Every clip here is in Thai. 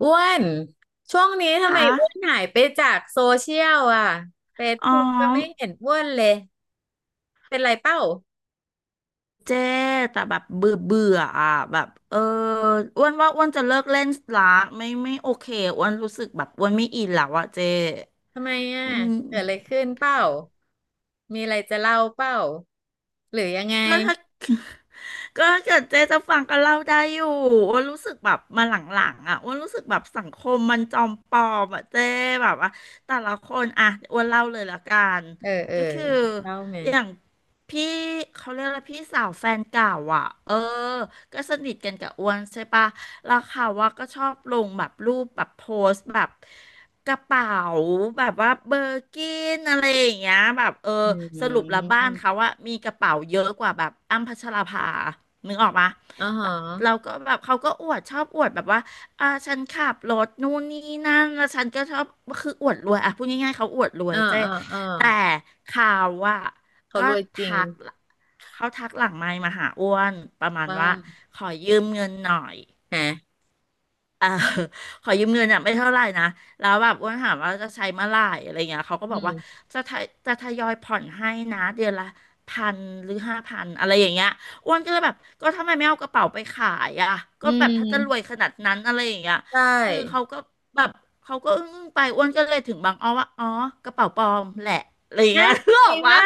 อ้วนช่วงนี้ทำไมค่ะอ้วนหายไปจากโซเชียลอ่ะเฟซอ๋บุ๊กก็ไม่อเห็นอ้วนเลยเป็นไรเป้าเจ๊แต่แบบเบื่อเบื่ออ่ะแบบเอออ้วนว่าอ้วนจะเลิกเล่นละไม่ไม่โอเคอ้วนรู้สึกแบบอ้วนไม่อินแล้วอ่ะเจ๊ทำไมอ่ะอืมเกิดอะไรขึ้นเป้ามีอะไรจะเล่าเป้าหรือยังไงก็ถ้า ก็ถ้าเกิดเจ๊จะฟังก็เล่าได้อยู่อ้วนรู้สึกแบบมาหลังๆอ่ะอ้วนรู้สึกแบบสังคมมันจอมปลอมอ่ะเจ๊แบบว่าแต่ละคนอ่ะอ้วนเล่าเลยละกันเออเออก็คือ เล่าไหมอย่างพี่เขาเรียกอะไรพี่สาวแฟนเก่าอ่ะเออก็สนิทกันกับอ้วนใช่ปะแล้วเขาว่าก็ชอบลงแบบรูปแบบโพสต์แบบกระเป๋าแบบว่าเบอร์กินอะไรอย่างเงี้ยแบบเอออืสรุปแล้วบ้ามนเขาว่ามีกระเป๋าเยอะกว่าแบบอ้ำพัชราภานึกออกปะอ๋อฮแต่เราะก็แบบเขาก็อวดชอบอวดแบบว่าอ่าฉันขับรถนู่นนี่นั่นแล้วฉันก็ชอบคืออวดรวยอ่ะพูดง่ายๆเขาอวดรวยอ๋อเจ้อ๋ออ๋อแต่ข่าวว่า เขาก็รวยจริงทักเขาทักหลังไมค์มาหาอ้วนประมาณว่าว่าขอยืมเงินหน่อย ฮะ เออขอยืมเงินอ่ะไม่เท่าไหร่นะแล้วแบบอ้วนถามว่าจะใช้เมื่อไหร่อะไรเงี้ยเขาก็อืบอกว่ามจะทยอยผ่อนให้นะเดือนละพันหรือ5,000อะไรอย่างเงี้ยอ้วนก็เลยแบบก็ทำไมไม่เอากระเป๋าไปขายอ่ะก็อืแบบถ้าจะรวยมขนาดนั้นอะไรอย่างเงี้ยใชคือเขา่ก็แบบเขาก็อึ้งๆไปอ้วนก็เลยถึงบางอ้อว่าอ๋อกระเป๋าปลอมแหละอะไรอย่างเงี้นะย รู้จออริกงปะ ว่า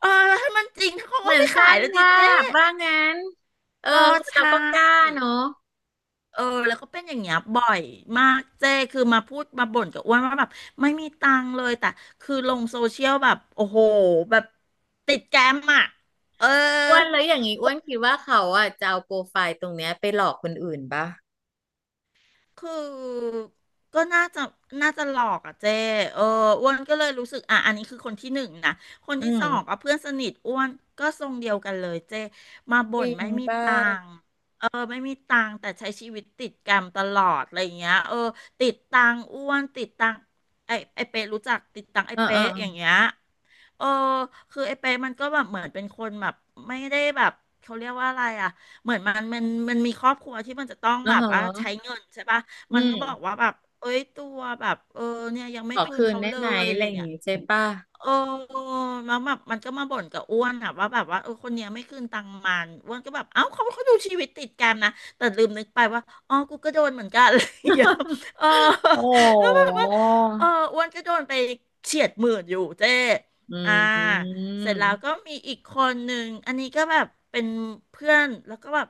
เออแล้วถ้ามันจริงเขาเหก็มือนไม่สขาร้ายงแล้วดิภาเจ๊พว่างั้นเออก็คนใชเราก็กล้า่เนอะ เออแล้วก็เป็นอย่างเงี้ยบ่อยมากเจ๊คือมาพูดมาบ่นกับอ้วนว่าแบบไม่มีตังค์เลยแต่คือลงโซเชียลแบบโอ้โหแบบติดแกรมอ่ะเออ อ้วนแล้วอย่างนี้อ้วนคิดว่าเขาอ่ะจะเอาโปรไฟล์ตรงเนี้ยไปหลอกคนอื่นป่ะคือก็น่าจะน่าจะหลอกอ่ะเจ้เอออ้วนก็เลยรู้สึกอ่ะอันนี้คือคนที่หนึ่งนะคนอืที่สองมก็เพื่อนสนิทอ้วนก็ทรงเดียวกันเลยเจ้มาจบ่รินงไม่มีปตั่ะงค์เออไม่มีตังค์แต่ใช้ชีวิตติดแกรมตลอดอะไรอย่างเงี้ยเออติดตังค์อ้วนติดตังค์ไอเป๊ะรู้จักติดตังค์ไอเออเออเป๊ะอย่างเงี้ย เออคือไอ้เป๊ะมันก็แบบเหมือนเป็นคนแบบไม่ได้แบบเขาเรียกว่าอะไรอ่ะ เหมือนมันมีครอบครัวที่มันจะต้องเออ่าแบบฮะว่าใช้เงินใช่ปะ อืมันก็บอกมว่าแบบเอ้ยตัวแบบเออเนี่ยยังไม่ขอคืนคืนเขาได้เลไหมยอะอะไรไรอย่างเงี้ย งี้ใช่ป่ะ เออมาแบบมันก็มาบ่นกับอ้วนอะว่าแบบว่าเออคนเนี้ยไม่คืนตังค์มันอ้วนก็แบบเอ้าเขาดูชีวิตติดกันนะแต่ลืมนึกไปว่าอ๋อกูก็โดนเหมือนกัน อะไรอย่างเงี้ย เออ โอ้ แล้วแบบโว่าเออหอ้วนก็โดนไปเฉียดหมื่นอยู่เจ้อือ่ามเสร็จแล้วก็มีอีกคนหนึ่งอันนี้ก็แบบเป็นเพื่อนแล้วก็แบบ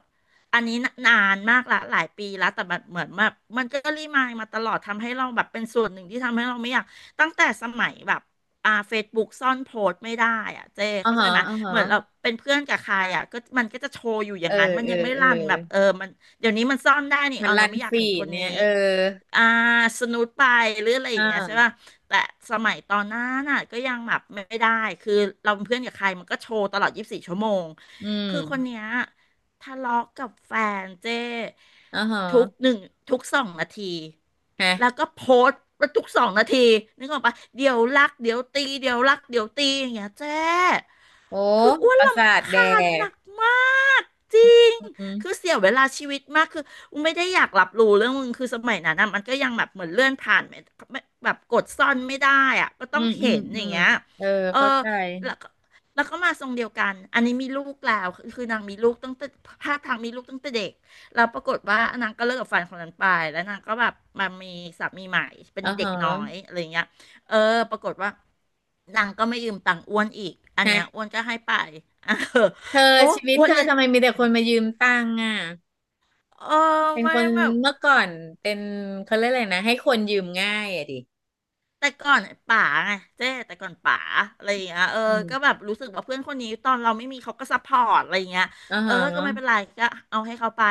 อันนี้นะนานมากละหลายปีแล้วแต่แบบเหมือนแบบมันก็รีมายมาตลอดทำให้เราแบบเป็นส่วนหนึ่งที่ทำให้เราไม่อยากตั้งแต่สมัยแบบ อ่าเฟซบุ๊กซ่อนโพสต์ไม่ได้อ่ะเจ๊อ่าเข้าใจฮะไหมอ่าฮะเหมือนเราเป็นเพื่อนกับใครอ่ะก็มันก็จะโชว์อยู่อเอย่าองนั้นมันเออยังไม่รันแบบเออมันเดี๋ยวนี้มันซ่อนได้นี่มันอ๋อรัเรานไม่อยากฟีเห็นคดนเนี่นี้ ยเอออ่าสนุดไปหรืออะไรออ่ย่างเงี้ยใช่าป่ะแต่สมัยตอนนั้นน่ะก็ยังแบบไม่ได้คือเราเป็นเพื่อนกับใครมันก็โชว์ตลอด24 ชั่วโมงอืมคือคนเนี้ยทะเลาะกับแฟนเจ้อ่าทุกฮะหนึ่งทุกสองนาทีฮะแล้วก็โพสต์ทุกสองนาทีนึกออกปะเดี๋ยวรักเดี๋ยวตีเดี๋ยวรักเดี๋ยวตีอย่างเงี้ยเจ้ โอ้คืออ้วปนระรสาทำคแดาญหกนักมากจริงอืคือมเสียเวลาชีวิตมากคืออูไม่ได้อยากรับรู้เรื่องมึงคือสมัยนั้นนะมันก็ยังแบบเหมือนเลื่อนผ่านไม่ไม่แบบกดซ่อนไม่ได้อะก็อืต้องมอืมเห็นออืย่างมเงี้ยเออเอเข้าอใจแล้วก็มาทรงเดียวกันอันนี้มีลูกแล้วคือนางมีลูกตั้งแต่ภาพทางมีลูกตั้งแต่เด็กแล้วปรากฏว่านางก็เลิกกับแฟนคนนั้นไปแล้วนางก็แบบมามีสามีใหม่เป็นอ่าเด็ฮะ กน้อยอะไรเงี้ย เออปรากฏว่านางก็ไม่ยืมตังค์อ้วนอีก อันเนี้ยอ้วนก็ให้ไป อ่ะเออเธอโอ้ชีวิตอ้วเธนอนี่ทำไมมีแต่คนมายืมตังค์อ่ะเออเป็นไม่คนแบบ เมื่อก่อนเป็นเขาเรียกอะไรนะให้คนยืมง่ายอ่ะดิแต่ก่อนป๋าไงเจ๊แต่ก่อนป๋าอะไรอย่างเงี้ยเอออืมก็แบบรู้สึกว่าเพื่อนคนนี้ตอนเราไม่มีเขาก็ซัพพอร์ตอะไรอย่างเงี้ยอ่าเอฮอก็ไม่เป็นะไรก็เอาให้เขาไป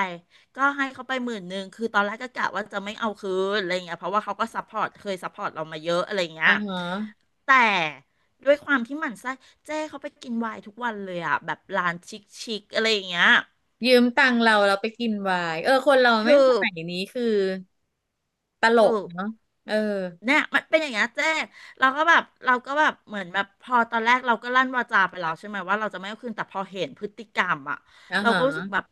ก็ให้เขาไปหมื่นหนึ่งคือตอนแรกก็กะว่าจะไม่เอาคืนอะไรอย่างเงี้ยเพราะว่าเขาก็ซัพพอร์ตเคยซัพพอร์ตเรามาเยอะอะไรอย่างเงี้อ่ายฮะแต่ด้วยความที่หมั่นไส้เจ๊เขาไปกินไวน์ทุกวันเลยอ่ะแบบร้านชิคๆอะไรอย่างเงี้ยยืมตังค์เราเราไปกินไวน์เออคนเราแม่งถูสกมัยนี้คือตลถูกก เนาะเออเนี่ยมันเป็นอย่างเงี้ยเจ๊เราก็แบบเหมือนแบบพอตอนแรกเราก็ลั่นวาจาไปแล้วใช่ไหมว่าเราจะไม่เอาคืนแต่พอเห็นพฤติกรรมอ่ะอ่าเราฮะก็รู้สึกแบบ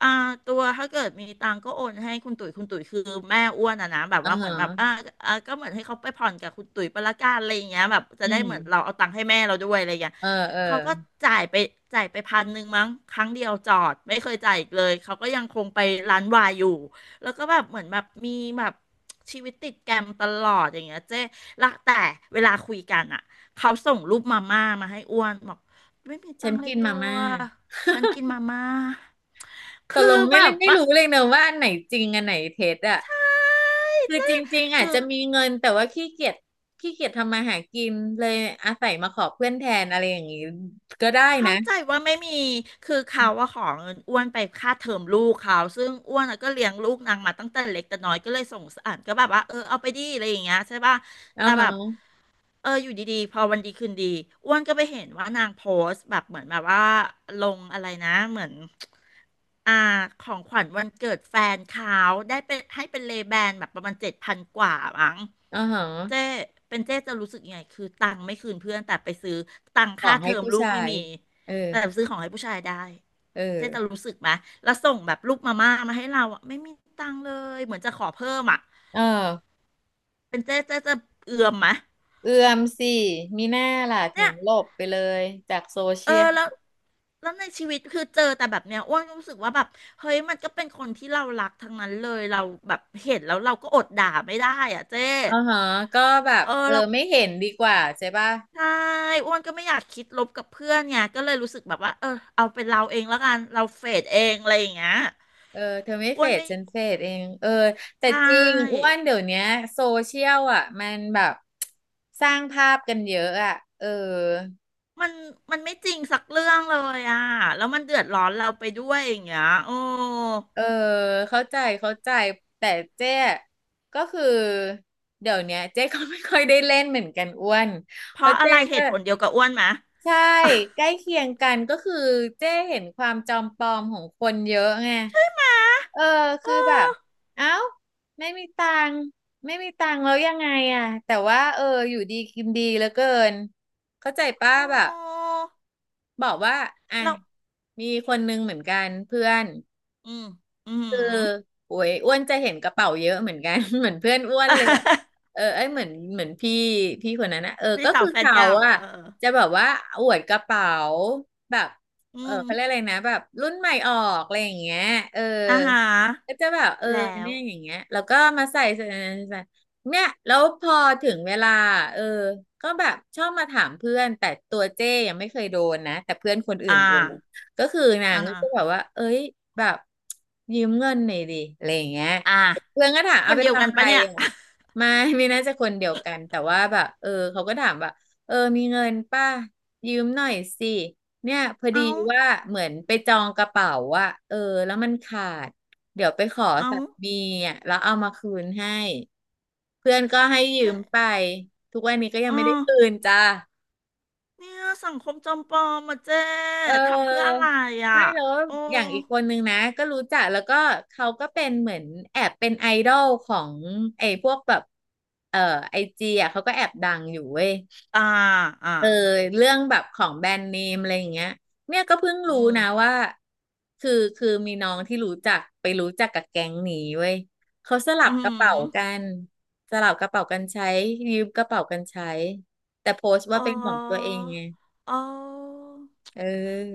อ่าตัวถ้าเกิดมีตังก็โอนให้คุณตุ๋ยคือแม่อ้วนอ่ะนะแบบอ่าว่าเหมืฮะอนแบบก็เหมือนให้เขาไปผ่อนกับคุณตุ๋ยไปละกันอะไรอย่างเงี้ยแบบจะอืได้เหมือนเรามเอาตังค์ให้แม่เราด้วยอะไรอย่างเงี้ยเออเออเขาก็จ่ายไปพันหนึ่งมั้งครั้งเดียวจอดไม่เคยจ่ายอีกเลยเขาก็ยังคงไปร้านวายอยู่ แล้วก็แบบเหมือนแบบมีแบบชีวิตติดแกรมตลอดอย่างเงี้ยเจ๊ละแต่เวลาคุยกันอ่ะเขาส่งรูปมาม่ามาให้อ้วนบอกไม่มีตัฉันงค์เลกิยนตัมาวม่าฉันกินมาม่าตกคืลองแบไม่บไม่ว่ารู้เลยเนอะว่าอันไหนจริงอันไหนเท็จอ่ะ อ้ายคือเจ๊จริงๆอาจคือจะมีเงินแต่ว่าขี้เกียจขี้เกียจทำมาหากินเลยอาศัยมาขอเพื่อนแทนอะไรอย่างนี้ก็ได้เข้านะใจว่าไม่มีคือเขาว่าขอเงินอ้วนไปค่าเทอมลูกเขาซึ่งอ้วนอะก็เลี้ยงลูกนางมาตั้งแต่เล็กแต่น้อยก็เลยสงสารก็แบบว่าเออเอาไปดิอะไรอย่างเงี้ยใช่ป่ะ อ๋อแต่แบฮะบเอออยู่ดีๆพอวันดีคืนดีอ้วนก็ไปเห็นว่านางโพสต์แบบเหมือนแบบว่าลงอะไรนะเหมือนอ่าของขวัญวันเกิดแฟนเขาได้เป็นให้เป็นเลแบนแบบประมาณเจ็ดพันกว่ามั้งอ๋อฮเจ๊ะเป็นเจ๊จะรู้สึกยังไงคือตังค์ไม่คืนเพื่อนแต่ไปซื้อตังขอค่างเทให้อมผู้ลูกชาไม่ยมีเออแต่ซื้อของให้ผู้ชายได้เออเจ๊จะรู้สึกไหมแล้วส่งแบบลูกมาม่ามาให้เราอ่ะไม่มีตังค์เลยเหมือนจะขอเพิ่มอ่ะเออเป็นเจ๊จะเอือมไหมเอื้อมสิมีหน้าล่ะถึเนี่งย หลบไปเลยจากโซเอเชีอยลแล้วแล้วในชีวิตคือเจอแต่แบบเนี้ยอ้วนรู้สึกว่าแบบเฮ้ยมันก็เป็นคนที่เรารักทั้งนั้นเลยเราแบบเห็นแล้วเราก็อดด่าไม่ได้อ่ะเจ๊อ๋อฮะก็แบบเออเออแล้วไม่เห็นดีกว่าใช่ป่ะใช่อ้วนก็ไม่อยากคิดลบกับเพื่อนไงก็เลยรู้สึกแบบว่าเออเอาเป็นเราเองแล้วกันเราเฟดเองอะไรอย่างเงี้ยเออเธอไม่อ้เฟวนดไม่ฉันเฟดเองเออแต่ใชจริงอ้่วนเดี๋ยวเนี้ยโซเชียลอ่ะมันแบบ สร้างภาพกันเยอะอ่ะเออ มันมันไม่จริงสักเรื่องเลยอ่ะแล้วมันเดือดร้อนเราไปด้วยอย่างเงี้ยโอ้เออเข้าใจเข้าใจแต่เจ๊ก็คือเดี๋ยวเนี้ยเจ๊ ก็ไม่ค่อยได้เล่นเหมือนกันอ้วนเพเพราะราะอะเจ๊ไรเหก็ตุผลเดียวกับอ้วนไหมใช่ใกล้เคียงกันก็คือเจ๊เห็นความจอมปลอมของคนเยอะไงเออคือโอ้แบบเอ้าไม่มีตังค์ไม่มีตังค์แล้วยังไงอ่ะแต่ว่าเอออยู่ดีกินดีเหลือเกินเข้าใจป้าโอแบบ้บอกว่าอ่ะเรา มีคนนึงเหมือนกันเพื่อน อืมอืคือมโอ้ยอ้วนจะเห็นกระเป๋าเยอะเหมือนกัน เหมือนเพื่อนอ้วนอ่ะ เลยอะ เออไอ้ยเหมือนพี่พี่คนนั้นนะเออพี่ก็สาคืวอแฟนเขาเก่าเออะอจะแบบว่าอวดกระเป๋าแบบอืเออมเขาเรียกอะไรนะแบบรุ่นใหม่ออกอะไรอย่างเงี้ยเอออ่าฮะก็จะแบบเออแล้วเนี่ยอย่างเงี้ยแล้วก็มาใส่เนี่ยแล้วพอถึงเวลาเออก็แบบชอบมาถามเพื่อน แต่ตัวเจ้ยังไม่เคยโดนนะ แต่เพื่อนคนอื่นอ่าโดน ก็คือนางอ่าก็ฮะจะแบบว่าเอ้ยแบบยืมเงินหน่อยดิอะไรอย่างเงี้ยอ่าเพื่อนก็ถามคเอานไปเดียวกันทำอะไรปะเนี่ย อ่ะไม่ไม่น่าจะคนเดียวกันแต่ว่าแบบเออเขาก็ถามแบบเออมีเงินป่ะยืมหน่อยสิเนี่ยพอ ดีเอาว่าเหมือนไปจองกระเป๋าอะเออแล้วมันขาดเดี๋ยวไปขอเอาสามีอะแล้วเอามาคืนให้เพื่อนก็ให้ยืเจ๊มไปทุกวันนี้ก็ยังเ๋อไม่ได้คืนจ้า เนี่ยสังคมจำปลอมมาเจ๊เทำเพื่ออะออไรอ่ะไม่แล้วโอ้อย่างอีกคนนึงนะก็รู้จักแล้วก็เขาก็เป็นเหมือนแอบเป็นไอดอลของไอ้พวกแบบเออไอจีอ่ะเขาก็แอบดังอยู่เว้ยอ่าอ่าเออเรื่องแบบของแบรนด์เนมอะไรอย่างเงี้ยเนี่ยก็เพิ่งรู้อืมนะว่าคือมีน้องที่รู้จักไปรู้จักกับแก๊งนี้เว้ยเขาสลัอืบกระมเป๋ากันสลับกระเป๋ากันใช้ยืมกระเป๋ากันใช้แต่โพสต์ว่าอ๋อเป็นของตัวเองไง้๋อ เอ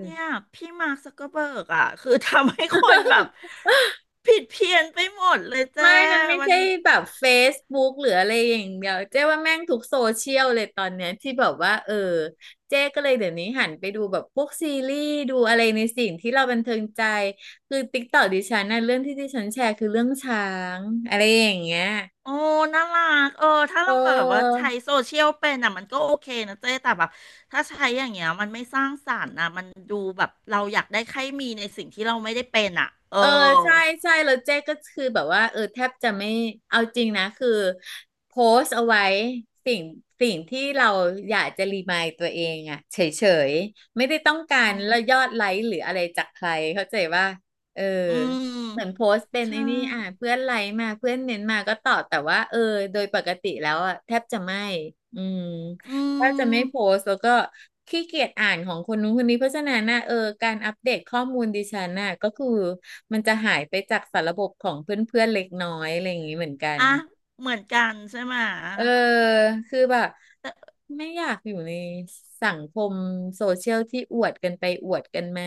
เนี่ยพี่มาร์คซักเกอร์เบิร์กอ่ะ คือทำให้คนแบบผิดเพี้ยนไปหมดเลยเจ้ไม่ มันไม่มันใช่แบบ Facebook หรืออะไรอย่างเดียวเจ๊ว่าแม่งทุกโซเชียลเลยตอนเนี้ยที่แบบว่าเออเจ๊ก็เลยเดี๋ยวนี้หันไปดูแบบพวกซีรีส์ดูอะไรในสิ่งที่เราบันเทิงใจคือ TikTok ดิฉันนะเรื่องที่ดิฉันแชร์คือเรื่องช้างอะไรอย่างเงี้ยโอ้น่ารักเออถ้าเอเราแบบว่าใช้อ โซเชียลเป็นอ่ะมันก็โอเคนะเจ้แต่แบบถ้าใช้อย่างเงี้ยมันไม่สร้างสรรค์นะมันดูแบบเราอยากได้ใครมีในสิ่งที่เราไม่ได้เป็นอ่ะเออเออใช่ใช่แล้วเจ๊ก็คือแบบว่าเออแทบจะไม่เอาจริงนะคือโพสต์เอาไว้สิ่งสิ่งที่เราอยากจะรีมายตัวเองอะเฉยๆไม่ได้ต้องกาอืรมแล้วยอดไลค์หรืออะไรจากใครเข้าใจว่าเอออืเหมือนโพมสต์เป็นไอ้ใช่นี่อ่ะเพื่อนไลค์มาเพื่อนเน้นมาก็ตอบแต่ว่าเออโดยปกติแล้วอะแทบจะไม่อืม อืก็จะมไม่โพสต์แล้วก็ขี้เกียจอ่านของคนนู้นคนนี้เพราะฉะนั้นนะเออการอัปเดตข้อมูลดิฉันน่ะก็คือมันจะหายไปจากสารบบของเพื่อนๆเล็กน้อยอะไรอย่างนี้เหมือนกันอ่ะเหมือนกันใช่ไหมะเออคือแบบแต่ไม่อยากอยู่ในสังคมโซเชียลที่อวดกันไปอวดกันมา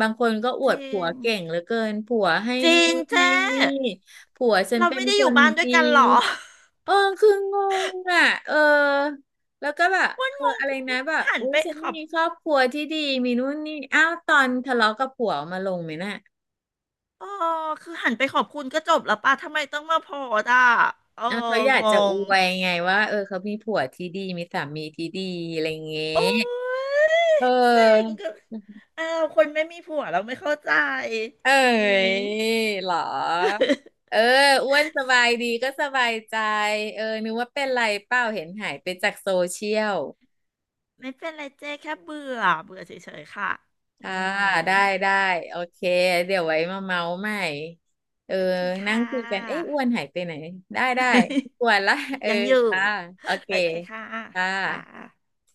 บางคนก็อจวดริผัวงเก่งเหลือเกินผัวให้จรินู่งนให้เจ้ นี่ผัวฉันเราเป็นไม่ได้คอยู่นบ้านด้วยดี กันหรอ เออคืองงอ่ะเออแล้วก็แบบเอ องงอะไรคือนะแบบหันอุ้ยไปฉันขอมีบครอบครัวที่ดีมีนู่นนี่อ้าวตอนทะเลาะกับผัวเอามาลงไหมน่ะเออคือหันไปขอบคุณก็จบแล้วป่ะทำไมต้องมาโพสต์อ่ะเอออะเขาอยางกจะองวยไงว่าเออเขามีผัวที่ดีมีสามีที่ดีอะไรเงี้โอ้ยยเเซ็งออก็อ้าวคนไม่มีผัวเราไม่เข้าใจเอ้อืยม เหรอเอ ออ้วนสบายดีก็สบายใจเออนึกว่าเป็นไรเปล่าเห็นหายไปจากโซเชียล ไม่เป็นไรเจ๊แค่เบื่อ เบื่อเฉยๆค่ะอืค่ะมได้ได้โอเคเดี๋ยวไว้มาเมาใหม่เออโอเคนั่งค่ะ คุยกันเอ๊ะอ้วนหายไปไหนได้ได้ไม่กวนละ เออ ยังอยู่ จ้าโอเคโอเคค่ะ จ้าค่ะ